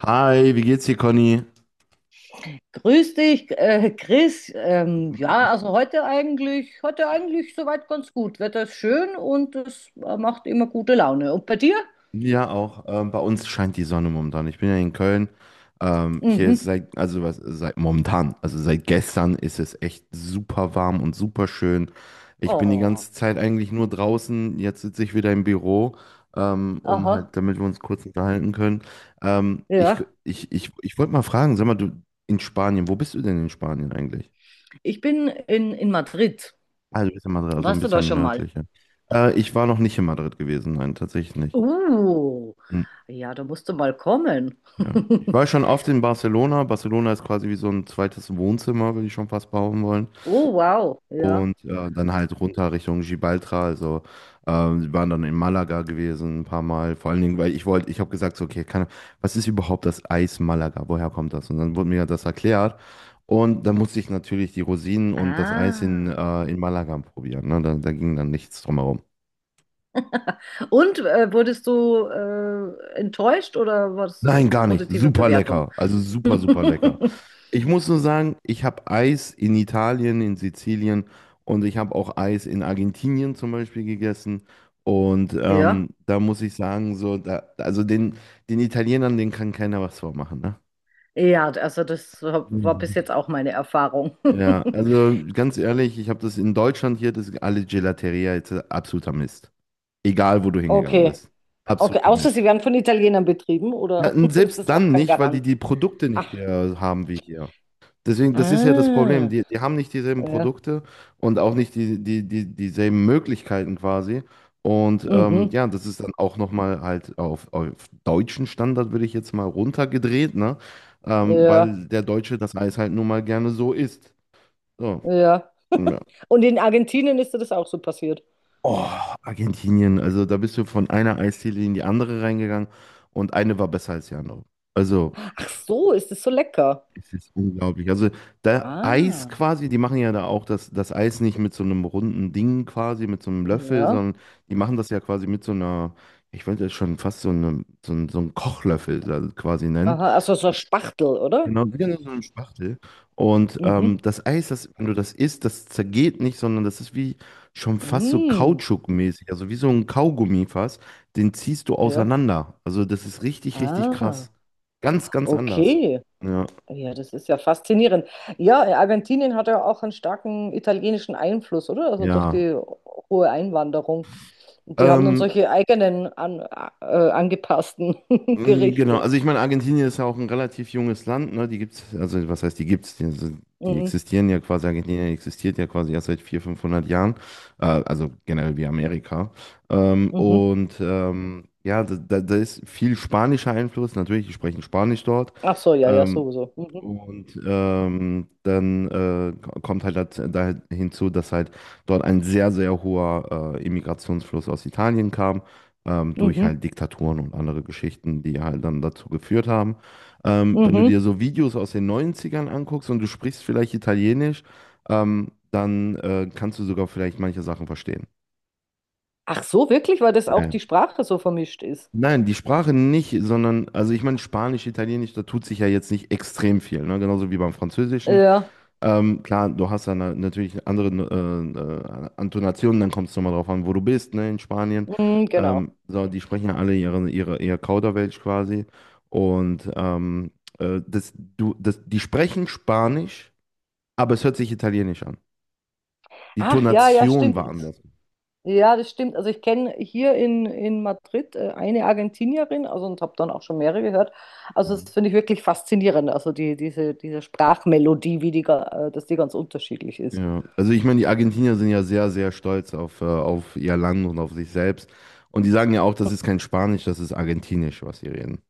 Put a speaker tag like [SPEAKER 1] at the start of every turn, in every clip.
[SPEAKER 1] Hi, wie geht's dir, Conny?
[SPEAKER 2] Grüß dich, Chris. Ja, also heute eigentlich soweit ganz gut. Wetter ist schön und es macht immer gute Laune. Und bei dir?
[SPEAKER 1] Ja, auch. Bei uns scheint die Sonne momentan. Ich bin ja in Köln. Hier ist
[SPEAKER 2] Mhm.
[SPEAKER 1] seit, also was, seit momentan, also seit gestern ist es echt super warm und super schön. Ich bin die
[SPEAKER 2] Oh,
[SPEAKER 1] ganze Zeit eigentlich nur draußen. Jetzt sitze ich wieder im Büro, um
[SPEAKER 2] aha,
[SPEAKER 1] halt, damit wir uns kurz unterhalten können. Ähm, ich
[SPEAKER 2] ja.
[SPEAKER 1] ich wollte mal fragen, sag mal, du in Spanien, wo bist du denn in Spanien eigentlich?
[SPEAKER 2] Ich bin in Madrid.
[SPEAKER 1] Also, du bist in Madrid, also ein
[SPEAKER 2] Warst du da
[SPEAKER 1] bisschen
[SPEAKER 2] schon mal?
[SPEAKER 1] nördlicher. Ich war noch nicht in Madrid gewesen, nein, tatsächlich nicht.
[SPEAKER 2] Uh,
[SPEAKER 1] Hm.
[SPEAKER 2] ja, da musst du mal kommen.
[SPEAKER 1] Ja. Ich war schon oft in Barcelona. Barcelona ist quasi wie so ein zweites Wohnzimmer, würde ich schon fast behaupten wollen.
[SPEAKER 2] Oh, wow, ja.
[SPEAKER 1] Und dann halt runter Richtung Gibraltar. Also wir waren dann in Malaga gewesen ein paar Mal. Vor allen Dingen, weil ich wollte, ich habe gesagt, so, okay, keine- was ist überhaupt das Eis Malaga? Woher kommt das? Und dann wurde mir das erklärt. Und dann musste ich natürlich die Rosinen und das Eis
[SPEAKER 2] Ah.
[SPEAKER 1] in Malaga probieren. Ne? Da ging dann nichts drumherum.
[SPEAKER 2] Und wurdest du enttäuscht oder war es
[SPEAKER 1] Nein, gar nicht.
[SPEAKER 2] positive
[SPEAKER 1] Super
[SPEAKER 2] Bewertung?
[SPEAKER 1] lecker. Also super, super lecker. Ich muss nur sagen, ich habe Eis in Italien, in Sizilien und ich habe auch Eis in Argentinien zum Beispiel gegessen. Und
[SPEAKER 2] Ja.
[SPEAKER 1] da muss ich sagen, so, da, also den, den Italienern, den kann keiner was vormachen, ne?
[SPEAKER 2] Ja, also das war bis
[SPEAKER 1] Mhm.
[SPEAKER 2] jetzt auch meine Erfahrung.
[SPEAKER 1] Ja, also ganz ehrlich, ich habe das in Deutschland hier, das alle Gelateria jetzt absoluter Mist. Egal, wo du hingegangen
[SPEAKER 2] Okay.
[SPEAKER 1] bist.
[SPEAKER 2] Okay,
[SPEAKER 1] Absoluter
[SPEAKER 2] außer
[SPEAKER 1] Mist.
[SPEAKER 2] sie werden von Italienern betrieben,
[SPEAKER 1] Ja,
[SPEAKER 2] oder
[SPEAKER 1] und
[SPEAKER 2] ist
[SPEAKER 1] selbst
[SPEAKER 2] das auch
[SPEAKER 1] dann
[SPEAKER 2] kein
[SPEAKER 1] nicht, weil die
[SPEAKER 2] Garant?
[SPEAKER 1] die Produkte
[SPEAKER 2] Ach,
[SPEAKER 1] nicht haben wie hier. Deswegen, das ist ja das Problem.
[SPEAKER 2] ah,
[SPEAKER 1] Die haben nicht dieselben
[SPEAKER 2] ja,
[SPEAKER 1] Produkte und auch nicht dieselben Möglichkeiten quasi. Und
[SPEAKER 2] mhm,
[SPEAKER 1] ja, das ist dann auch nochmal halt auf deutschen Standard, würde ich jetzt mal runtergedreht, ne?
[SPEAKER 2] ja,
[SPEAKER 1] Weil der Deutsche das Eis halt nun mal gerne so isst. So.
[SPEAKER 2] ja.
[SPEAKER 1] Ja.
[SPEAKER 2] Und in Argentinien ist dir das auch so passiert.
[SPEAKER 1] Oh, Argentinien. Also da bist du von einer Eisdiele in die andere reingegangen und eine war besser als die andere. Also.
[SPEAKER 2] Ach so, ist das so lecker?
[SPEAKER 1] Es ist unglaublich. Also da Eis
[SPEAKER 2] Ah,
[SPEAKER 1] quasi, die machen ja da auch das Eis nicht mit so einem runden Ding quasi, mit so einem Löffel,
[SPEAKER 2] ja.
[SPEAKER 1] sondern die machen das ja quasi mit so einer, ich wollte das schon fast so, einen Kochlöffel da quasi nennen.
[SPEAKER 2] Aha, also so Spachtel, oder?
[SPEAKER 1] Genau, wieder nur so eine Spachtel. Und
[SPEAKER 2] Mhm,
[SPEAKER 1] das Eis, das, wenn du das isst, das zergeht nicht, sondern das ist wie schon fast so
[SPEAKER 2] mm,
[SPEAKER 1] kautschukmäßig, also wie so ein Kaugummi fast, den ziehst du
[SPEAKER 2] ja.
[SPEAKER 1] auseinander. Also das ist richtig, richtig
[SPEAKER 2] Ah,
[SPEAKER 1] krass. Ganz, ganz anders.
[SPEAKER 2] okay.
[SPEAKER 1] Ja.
[SPEAKER 2] Ja, das ist ja faszinierend. Ja, Argentinien hat ja auch einen starken italienischen Einfluss, oder? Also durch
[SPEAKER 1] Ja.
[SPEAKER 2] die hohe Einwanderung. Und die haben dann
[SPEAKER 1] Ähm,
[SPEAKER 2] solche angepassten
[SPEAKER 1] Genau,
[SPEAKER 2] Gerichte.
[SPEAKER 1] also ich meine, Argentinien ist ja auch ein relativ junges Land, ne? Die gibt's, also was heißt, die gibt's? Die, also, die
[SPEAKER 2] Mhm.
[SPEAKER 1] existieren ja quasi, Argentinien existiert ja quasi erst seit 400, 500 Jahren, also generell wie Amerika.
[SPEAKER 2] Mhm.
[SPEAKER 1] Ja, da ist viel spanischer Einfluss, natürlich, die sprechen Spanisch dort.
[SPEAKER 2] Ach so, ja, ja,
[SPEAKER 1] Ähm,
[SPEAKER 2] sowieso. Mhm.
[SPEAKER 1] dann kommt halt da hinzu, dass halt dort ein sehr, sehr hoher Immigrationsfluss aus Italien kam, durch
[SPEAKER 2] Mhm.
[SPEAKER 1] halt Diktaturen und andere Geschichten, die halt dann dazu geführt haben. Wenn du
[SPEAKER 2] Mhm.
[SPEAKER 1] dir so Videos aus den Neunzigern anguckst und du sprichst vielleicht Italienisch, dann kannst du sogar vielleicht manche Sachen verstehen.
[SPEAKER 2] Ach so, wirklich, weil das
[SPEAKER 1] Ja.
[SPEAKER 2] auch die
[SPEAKER 1] Ja.
[SPEAKER 2] Sprache so vermischt ist.
[SPEAKER 1] Nein, die Sprache nicht, sondern, also ich meine, Spanisch, Italienisch, da tut sich ja jetzt nicht extrem viel, ne? Genauso wie beim Französischen.
[SPEAKER 2] Ja,
[SPEAKER 1] Klar, du hast dann natürlich eine andere Antonation, dann kommt es nochmal drauf an, wo du bist, ne, in Spanien.
[SPEAKER 2] mhm, genau.
[SPEAKER 1] So, die sprechen ja alle ihr Kauderwelsch quasi. Und ähm, Das, du, das, die sprechen Spanisch, aber es hört sich Italienisch an. Die
[SPEAKER 2] Ach ja, ja,
[SPEAKER 1] Tonation war
[SPEAKER 2] stimmt.
[SPEAKER 1] anders.
[SPEAKER 2] Ja, das stimmt. Also ich kenne hier in Madrid eine Argentinierin, also und habe dann auch schon mehrere gehört. Also das
[SPEAKER 1] Mhm.
[SPEAKER 2] finde ich wirklich faszinierend. Also diese Sprachmelodie, dass die ganz unterschiedlich ist.
[SPEAKER 1] Ja, also ich meine, die Argentinier sind ja sehr, sehr stolz auf ihr Land und auf sich selbst. Und die sagen ja auch, das ist kein Spanisch, das ist Argentinisch, was sie reden.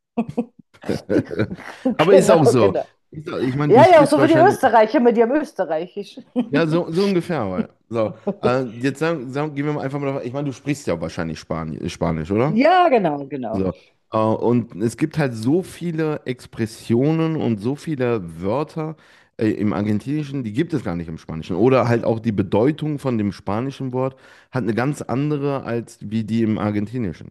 [SPEAKER 1] Aber ist auch
[SPEAKER 2] Genau,
[SPEAKER 1] so.
[SPEAKER 2] genau.
[SPEAKER 1] Ich meine, du
[SPEAKER 2] Ja, ja,
[SPEAKER 1] sprichst
[SPEAKER 2] so wie die
[SPEAKER 1] wahrscheinlich,
[SPEAKER 2] Österreicher mit ihrem Österreichisch.
[SPEAKER 1] ja, so, so ungefähr. Aber. So, gehen wir mal einfach mal davon, ich meine, du sprichst ja wahrscheinlich Spanisch, oder?
[SPEAKER 2] Ja, genau, genau.
[SPEAKER 1] So. Und es gibt halt so viele Expressionen und so viele Wörter im Argentinischen, die gibt es gar nicht im Spanischen. Oder halt auch die Bedeutung von dem spanischen Wort hat eine ganz andere als wie die im Argentinischen.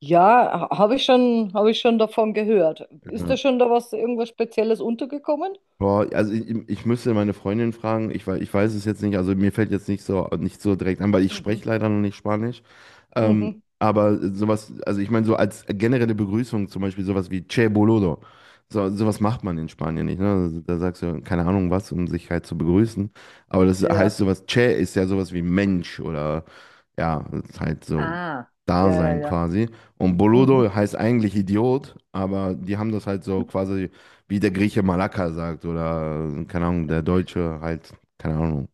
[SPEAKER 2] Habe ich schon davon gehört. Ist da
[SPEAKER 1] Ja.
[SPEAKER 2] schon da was, irgendwas Spezielles untergekommen?
[SPEAKER 1] Boah, also ich müsste meine Freundin fragen, ich weiß es jetzt nicht, also mir fällt jetzt nicht so, nicht so direkt an, weil ich spreche
[SPEAKER 2] Mhm.
[SPEAKER 1] leider noch nicht Spanisch.
[SPEAKER 2] Mhm.
[SPEAKER 1] Aber sowas, also ich meine, so als generelle Begrüßung zum Beispiel sowas wie Che Boludo. So, sowas macht man in Spanien nicht, ne? Also da sagst du, keine Ahnung was, um sich halt zu begrüßen. Aber das heißt
[SPEAKER 2] Ja.
[SPEAKER 1] sowas, Che ist ja sowas wie Mensch oder ja, ist halt so
[SPEAKER 2] Ah, ja, ja,
[SPEAKER 1] Dasein
[SPEAKER 2] ja.
[SPEAKER 1] quasi. Und Boludo
[SPEAKER 2] Mhm.
[SPEAKER 1] heißt eigentlich Idiot, aber die haben das halt so quasi wie der Grieche Malaka sagt oder, keine Ahnung, der Deutsche halt, keine Ahnung,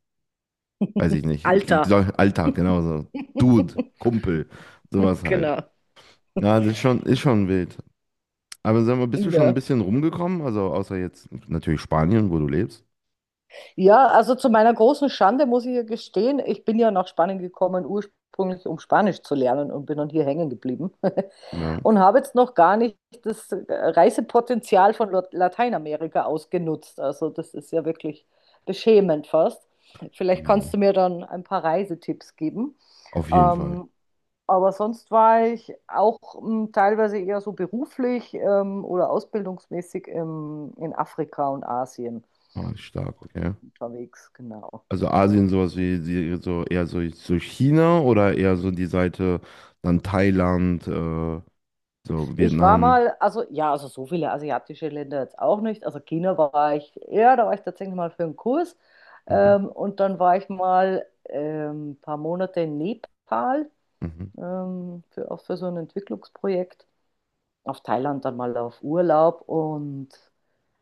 [SPEAKER 1] weiß ich nicht.
[SPEAKER 2] Alter.
[SPEAKER 1] Alltag, genauso. Dude, Kumpel, sowas halt.
[SPEAKER 2] Genau.
[SPEAKER 1] Ja, das ist schon wild. Aber sag mal, bist du schon ein
[SPEAKER 2] Ja.
[SPEAKER 1] bisschen rumgekommen? Also außer jetzt natürlich Spanien, wo du lebst.
[SPEAKER 2] Ja, also zu meiner großen Schande muss ich ja gestehen, ich bin ja nach Spanien gekommen, ursprünglich um Spanisch zu lernen und bin dann hier hängen geblieben
[SPEAKER 1] Ja,
[SPEAKER 2] und habe jetzt noch gar nicht das Reisepotenzial von Lateinamerika ausgenutzt. Also das ist ja wirklich beschämend fast. Vielleicht kannst
[SPEAKER 1] ja.
[SPEAKER 2] du mir dann ein paar Reisetipps geben.
[SPEAKER 1] Auf jeden Fall.
[SPEAKER 2] Ähm, Aber sonst war ich auch teilweise eher so beruflich oder ausbildungsmäßig in Afrika und Asien
[SPEAKER 1] Ah, stark, okay.
[SPEAKER 2] unterwegs, genau.
[SPEAKER 1] Also Asien, so eher so, so China oder eher so die Seite dann Thailand, so
[SPEAKER 2] Ich war
[SPEAKER 1] Vietnam,
[SPEAKER 2] mal, also ja, also so viele asiatische Länder jetzt auch nicht. Also China war ich, ja, da war ich tatsächlich mal für einen Kurs.
[SPEAKER 1] mhm.
[SPEAKER 2] Und dann war ich mal ein paar Monate in Nepal,
[SPEAKER 1] Mhm.
[SPEAKER 2] für, auch für so ein Entwicklungsprojekt. Auf Thailand dann mal auf Urlaub und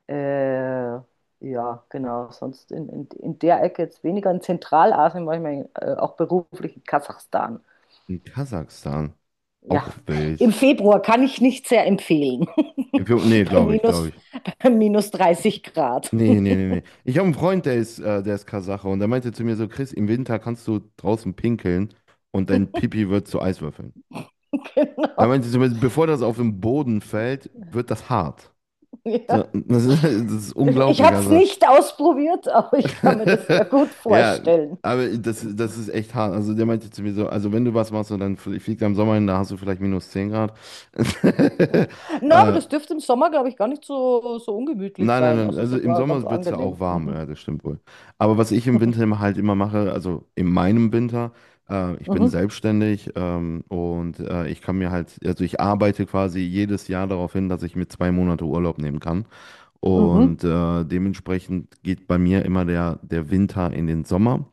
[SPEAKER 2] Äh, ja, genau. Sonst in der Ecke jetzt weniger. In Zentralasien war ich mal auch beruflich in Kasachstan.
[SPEAKER 1] Und Kasachstan.
[SPEAKER 2] Ja,
[SPEAKER 1] Auch
[SPEAKER 2] im
[SPEAKER 1] wild.
[SPEAKER 2] Februar kann ich nicht sehr empfehlen.
[SPEAKER 1] Äthiopen, nee,
[SPEAKER 2] bei
[SPEAKER 1] glaube ich, glaube
[SPEAKER 2] minus,
[SPEAKER 1] ich.
[SPEAKER 2] Bei minus 30 Grad.
[SPEAKER 1] Nee, nee, nee, nee. Ich habe einen Freund, der ist Kasache und der meinte zu mir so, Chris, im Winter kannst du draußen pinkeln und dein Pipi wird zu Eiswürfeln. Er
[SPEAKER 2] Genau.
[SPEAKER 1] meinte zu mir, bevor das auf den Boden fällt, wird das hart. So,
[SPEAKER 2] Ja.
[SPEAKER 1] das ist, das ist
[SPEAKER 2] Ich
[SPEAKER 1] unglaublich,
[SPEAKER 2] habe es
[SPEAKER 1] also.
[SPEAKER 2] nicht ausprobiert, aber ich kann mir das sehr gut
[SPEAKER 1] Ja,
[SPEAKER 2] vorstellen.
[SPEAKER 1] aber das, das ist echt hart. Also der meinte zu mir so, also wenn du was machst und dann fliegt am Sommer hin, da hast du vielleicht minus 10 Grad.
[SPEAKER 2] Na, aber
[SPEAKER 1] äh,
[SPEAKER 2] das dürfte im Sommer, glaube ich, gar nicht so ungemütlich
[SPEAKER 1] Nein, nein,
[SPEAKER 2] sein.
[SPEAKER 1] nein.
[SPEAKER 2] Also
[SPEAKER 1] Also im
[SPEAKER 2] sogar ganz
[SPEAKER 1] Sommer wird es ja auch
[SPEAKER 2] angenehm.
[SPEAKER 1] warm,
[SPEAKER 2] Mhm.
[SPEAKER 1] ja, das stimmt wohl. Aber was ich im Winter immer halt immer mache, also in meinem Winter, ich bin
[SPEAKER 2] Mhm.
[SPEAKER 1] selbstständig, ich kann mir halt, also ich arbeite quasi jedes Jahr darauf hin, dass ich mir 2 Monate Urlaub nehmen kann.
[SPEAKER 2] Mhm.
[SPEAKER 1] Und dementsprechend geht bei mir immer der, der Winter in den Sommer.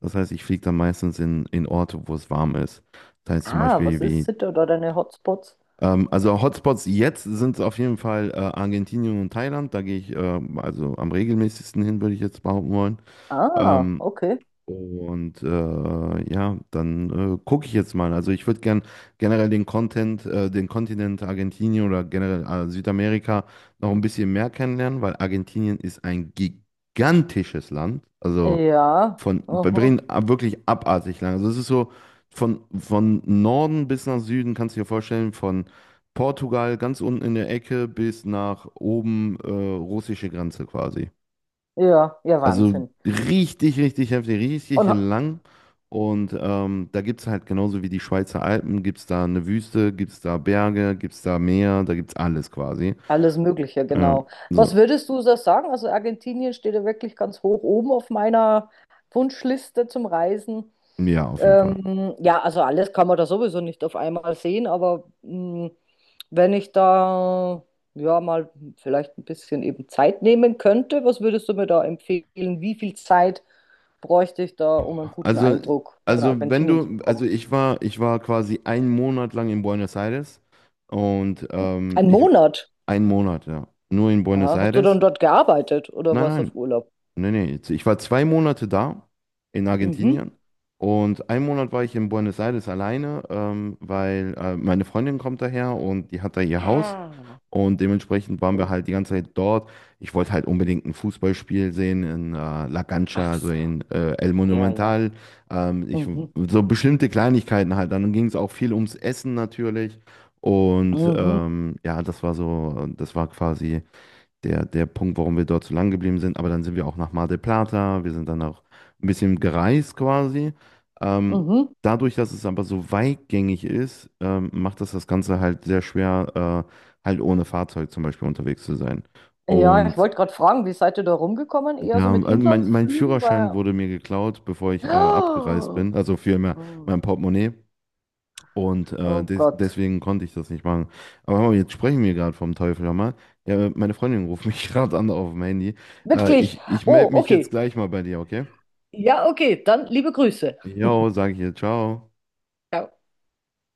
[SPEAKER 1] Das heißt, ich fliege dann meistens in Orte, wo es warm ist. Das heißt zum
[SPEAKER 2] Ah, was
[SPEAKER 1] Beispiel
[SPEAKER 2] ist
[SPEAKER 1] wie
[SPEAKER 2] Sitte oder deine Hotspots?
[SPEAKER 1] also Hotspots jetzt sind es auf jeden Fall Argentinien und Thailand. Da gehe ich also am regelmäßigsten hin, würde ich jetzt behaupten wollen.
[SPEAKER 2] Ah,
[SPEAKER 1] Ähm,
[SPEAKER 2] okay.
[SPEAKER 1] ja, dann gucke ich jetzt mal. Also ich würde gern generell den Kontinent Argentinien oder generell Südamerika noch ein bisschen mehr kennenlernen, weil Argentinien ist ein gigantisches Land. Also
[SPEAKER 2] Ja,
[SPEAKER 1] von, wir
[SPEAKER 2] aha.
[SPEAKER 1] reden wirklich abartig lang. Also es ist so von Norden bis nach Süden, kannst du dir vorstellen, von Portugal ganz unten in der Ecke bis nach oben russische Grenze quasi.
[SPEAKER 2] Ja, ja,
[SPEAKER 1] Also
[SPEAKER 2] Wahnsinn.
[SPEAKER 1] richtig, richtig heftig, richtig
[SPEAKER 2] Und
[SPEAKER 1] lang. Und da gibt es halt genauso wie die Schweizer Alpen, gibt es da eine Wüste, gibt es da Berge, gibt es da Meer, da gibt es alles quasi.
[SPEAKER 2] alles Mögliche,
[SPEAKER 1] Ja,
[SPEAKER 2] genau.
[SPEAKER 1] so,
[SPEAKER 2] Was würdest du da sagen? Also Argentinien steht ja wirklich ganz hoch oben auf meiner Wunschliste zum Reisen.
[SPEAKER 1] ja, auf jeden Fall.
[SPEAKER 2] Ja, also alles kann man da sowieso nicht auf einmal sehen, aber mh, wenn ich da ja mal vielleicht ein bisschen eben Zeit nehmen könnte, was würdest du mir da empfehlen? Wie viel Zeit bräuchte ich da, um einen guten
[SPEAKER 1] Also,
[SPEAKER 2] Eindruck von
[SPEAKER 1] also wenn
[SPEAKER 2] Argentinien zu
[SPEAKER 1] du, also
[SPEAKER 2] bekommen?
[SPEAKER 1] ich war quasi einen Monat lang in Buenos Aires und
[SPEAKER 2] Ein Monat.
[SPEAKER 1] einen Monat, ja, nur in Buenos
[SPEAKER 2] Aha. Hast du dann
[SPEAKER 1] Aires.
[SPEAKER 2] dort gearbeitet oder warst
[SPEAKER 1] Nein,
[SPEAKER 2] auf Urlaub?
[SPEAKER 1] nee, nee, jetzt- ich war 2 Monate da in
[SPEAKER 2] Mhm.
[SPEAKER 1] Argentinien und einen Monat war ich in Buenos Aires alleine, weil meine Freundin kommt daher und die hat da ihr Haus
[SPEAKER 2] Ah,
[SPEAKER 1] und dementsprechend waren wir
[SPEAKER 2] so.
[SPEAKER 1] halt die ganze Zeit dort. Ich wollte halt unbedingt ein Fußballspiel sehen in La Cancha,
[SPEAKER 2] Ach
[SPEAKER 1] also
[SPEAKER 2] so,
[SPEAKER 1] in El
[SPEAKER 2] ja, ja.
[SPEAKER 1] Monumental. Ähm, ich,
[SPEAKER 2] Mhm.
[SPEAKER 1] so bestimmte Kleinigkeiten halt. Dann ging es auch viel ums Essen natürlich und
[SPEAKER 2] Mhm.
[SPEAKER 1] ja, das war so, das war quasi der, der Punkt, warum wir dort so lang geblieben sind. Aber dann sind wir auch nach Mar del Plata, wir sind dann auch ein bisschen gereist quasi. Ähm,
[SPEAKER 2] Mhm.
[SPEAKER 1] Dadurch, dass es aber so weitgängig ist, macht das das Ganze halt sehr schwer, halt ohne Fahrzeug zum Beispiel unterwegs zu sein.
[SPEAKER 2] Ja, ich
[SPEAKER 1] Und
[SPEAKER 2] wollte gerade fragen, wie seid ihr da rumgekommen? Eher so
[SPEAKER 1] ja,
[SPEAKER 2] mit
[SPEAKER 1] also mein
[SPEAKER 2] Inlandsflügen?
[SPEAKER 1] Führerschein
[SPEAKER 2] Weil...
[SPEAKER 1] wurde mir geklaut, bevor ich abgereist
[SPEAKER 2] Oh,
[SPEAKER 1] bin, also für mein, mein Portemonnaie. Und
[SPEAKER 2] oh Gott.
[SPEAKER 1] deswegen konnte ich das nicht machen. Aber hör mal, jetzt sprechen wir gerade vom Teufel, hör mal. Ja, meine Freundin ruft mich gerade an auf dem Handy.
[SPEAKER 2] Wirklich?
[SPEAKER 1] Ich
[SPEAKER 2] Oh,
[SPEAKER 1] melde mich jetzt
[SPEAKER 2] okay.
[SPEAKER 1] gleich mal bei dir, okay?
[SPEAKER 2] Ja, okay. Dann liebe Grüße.
[SPEAKER 1] Jo, sage ich ihr, ciao.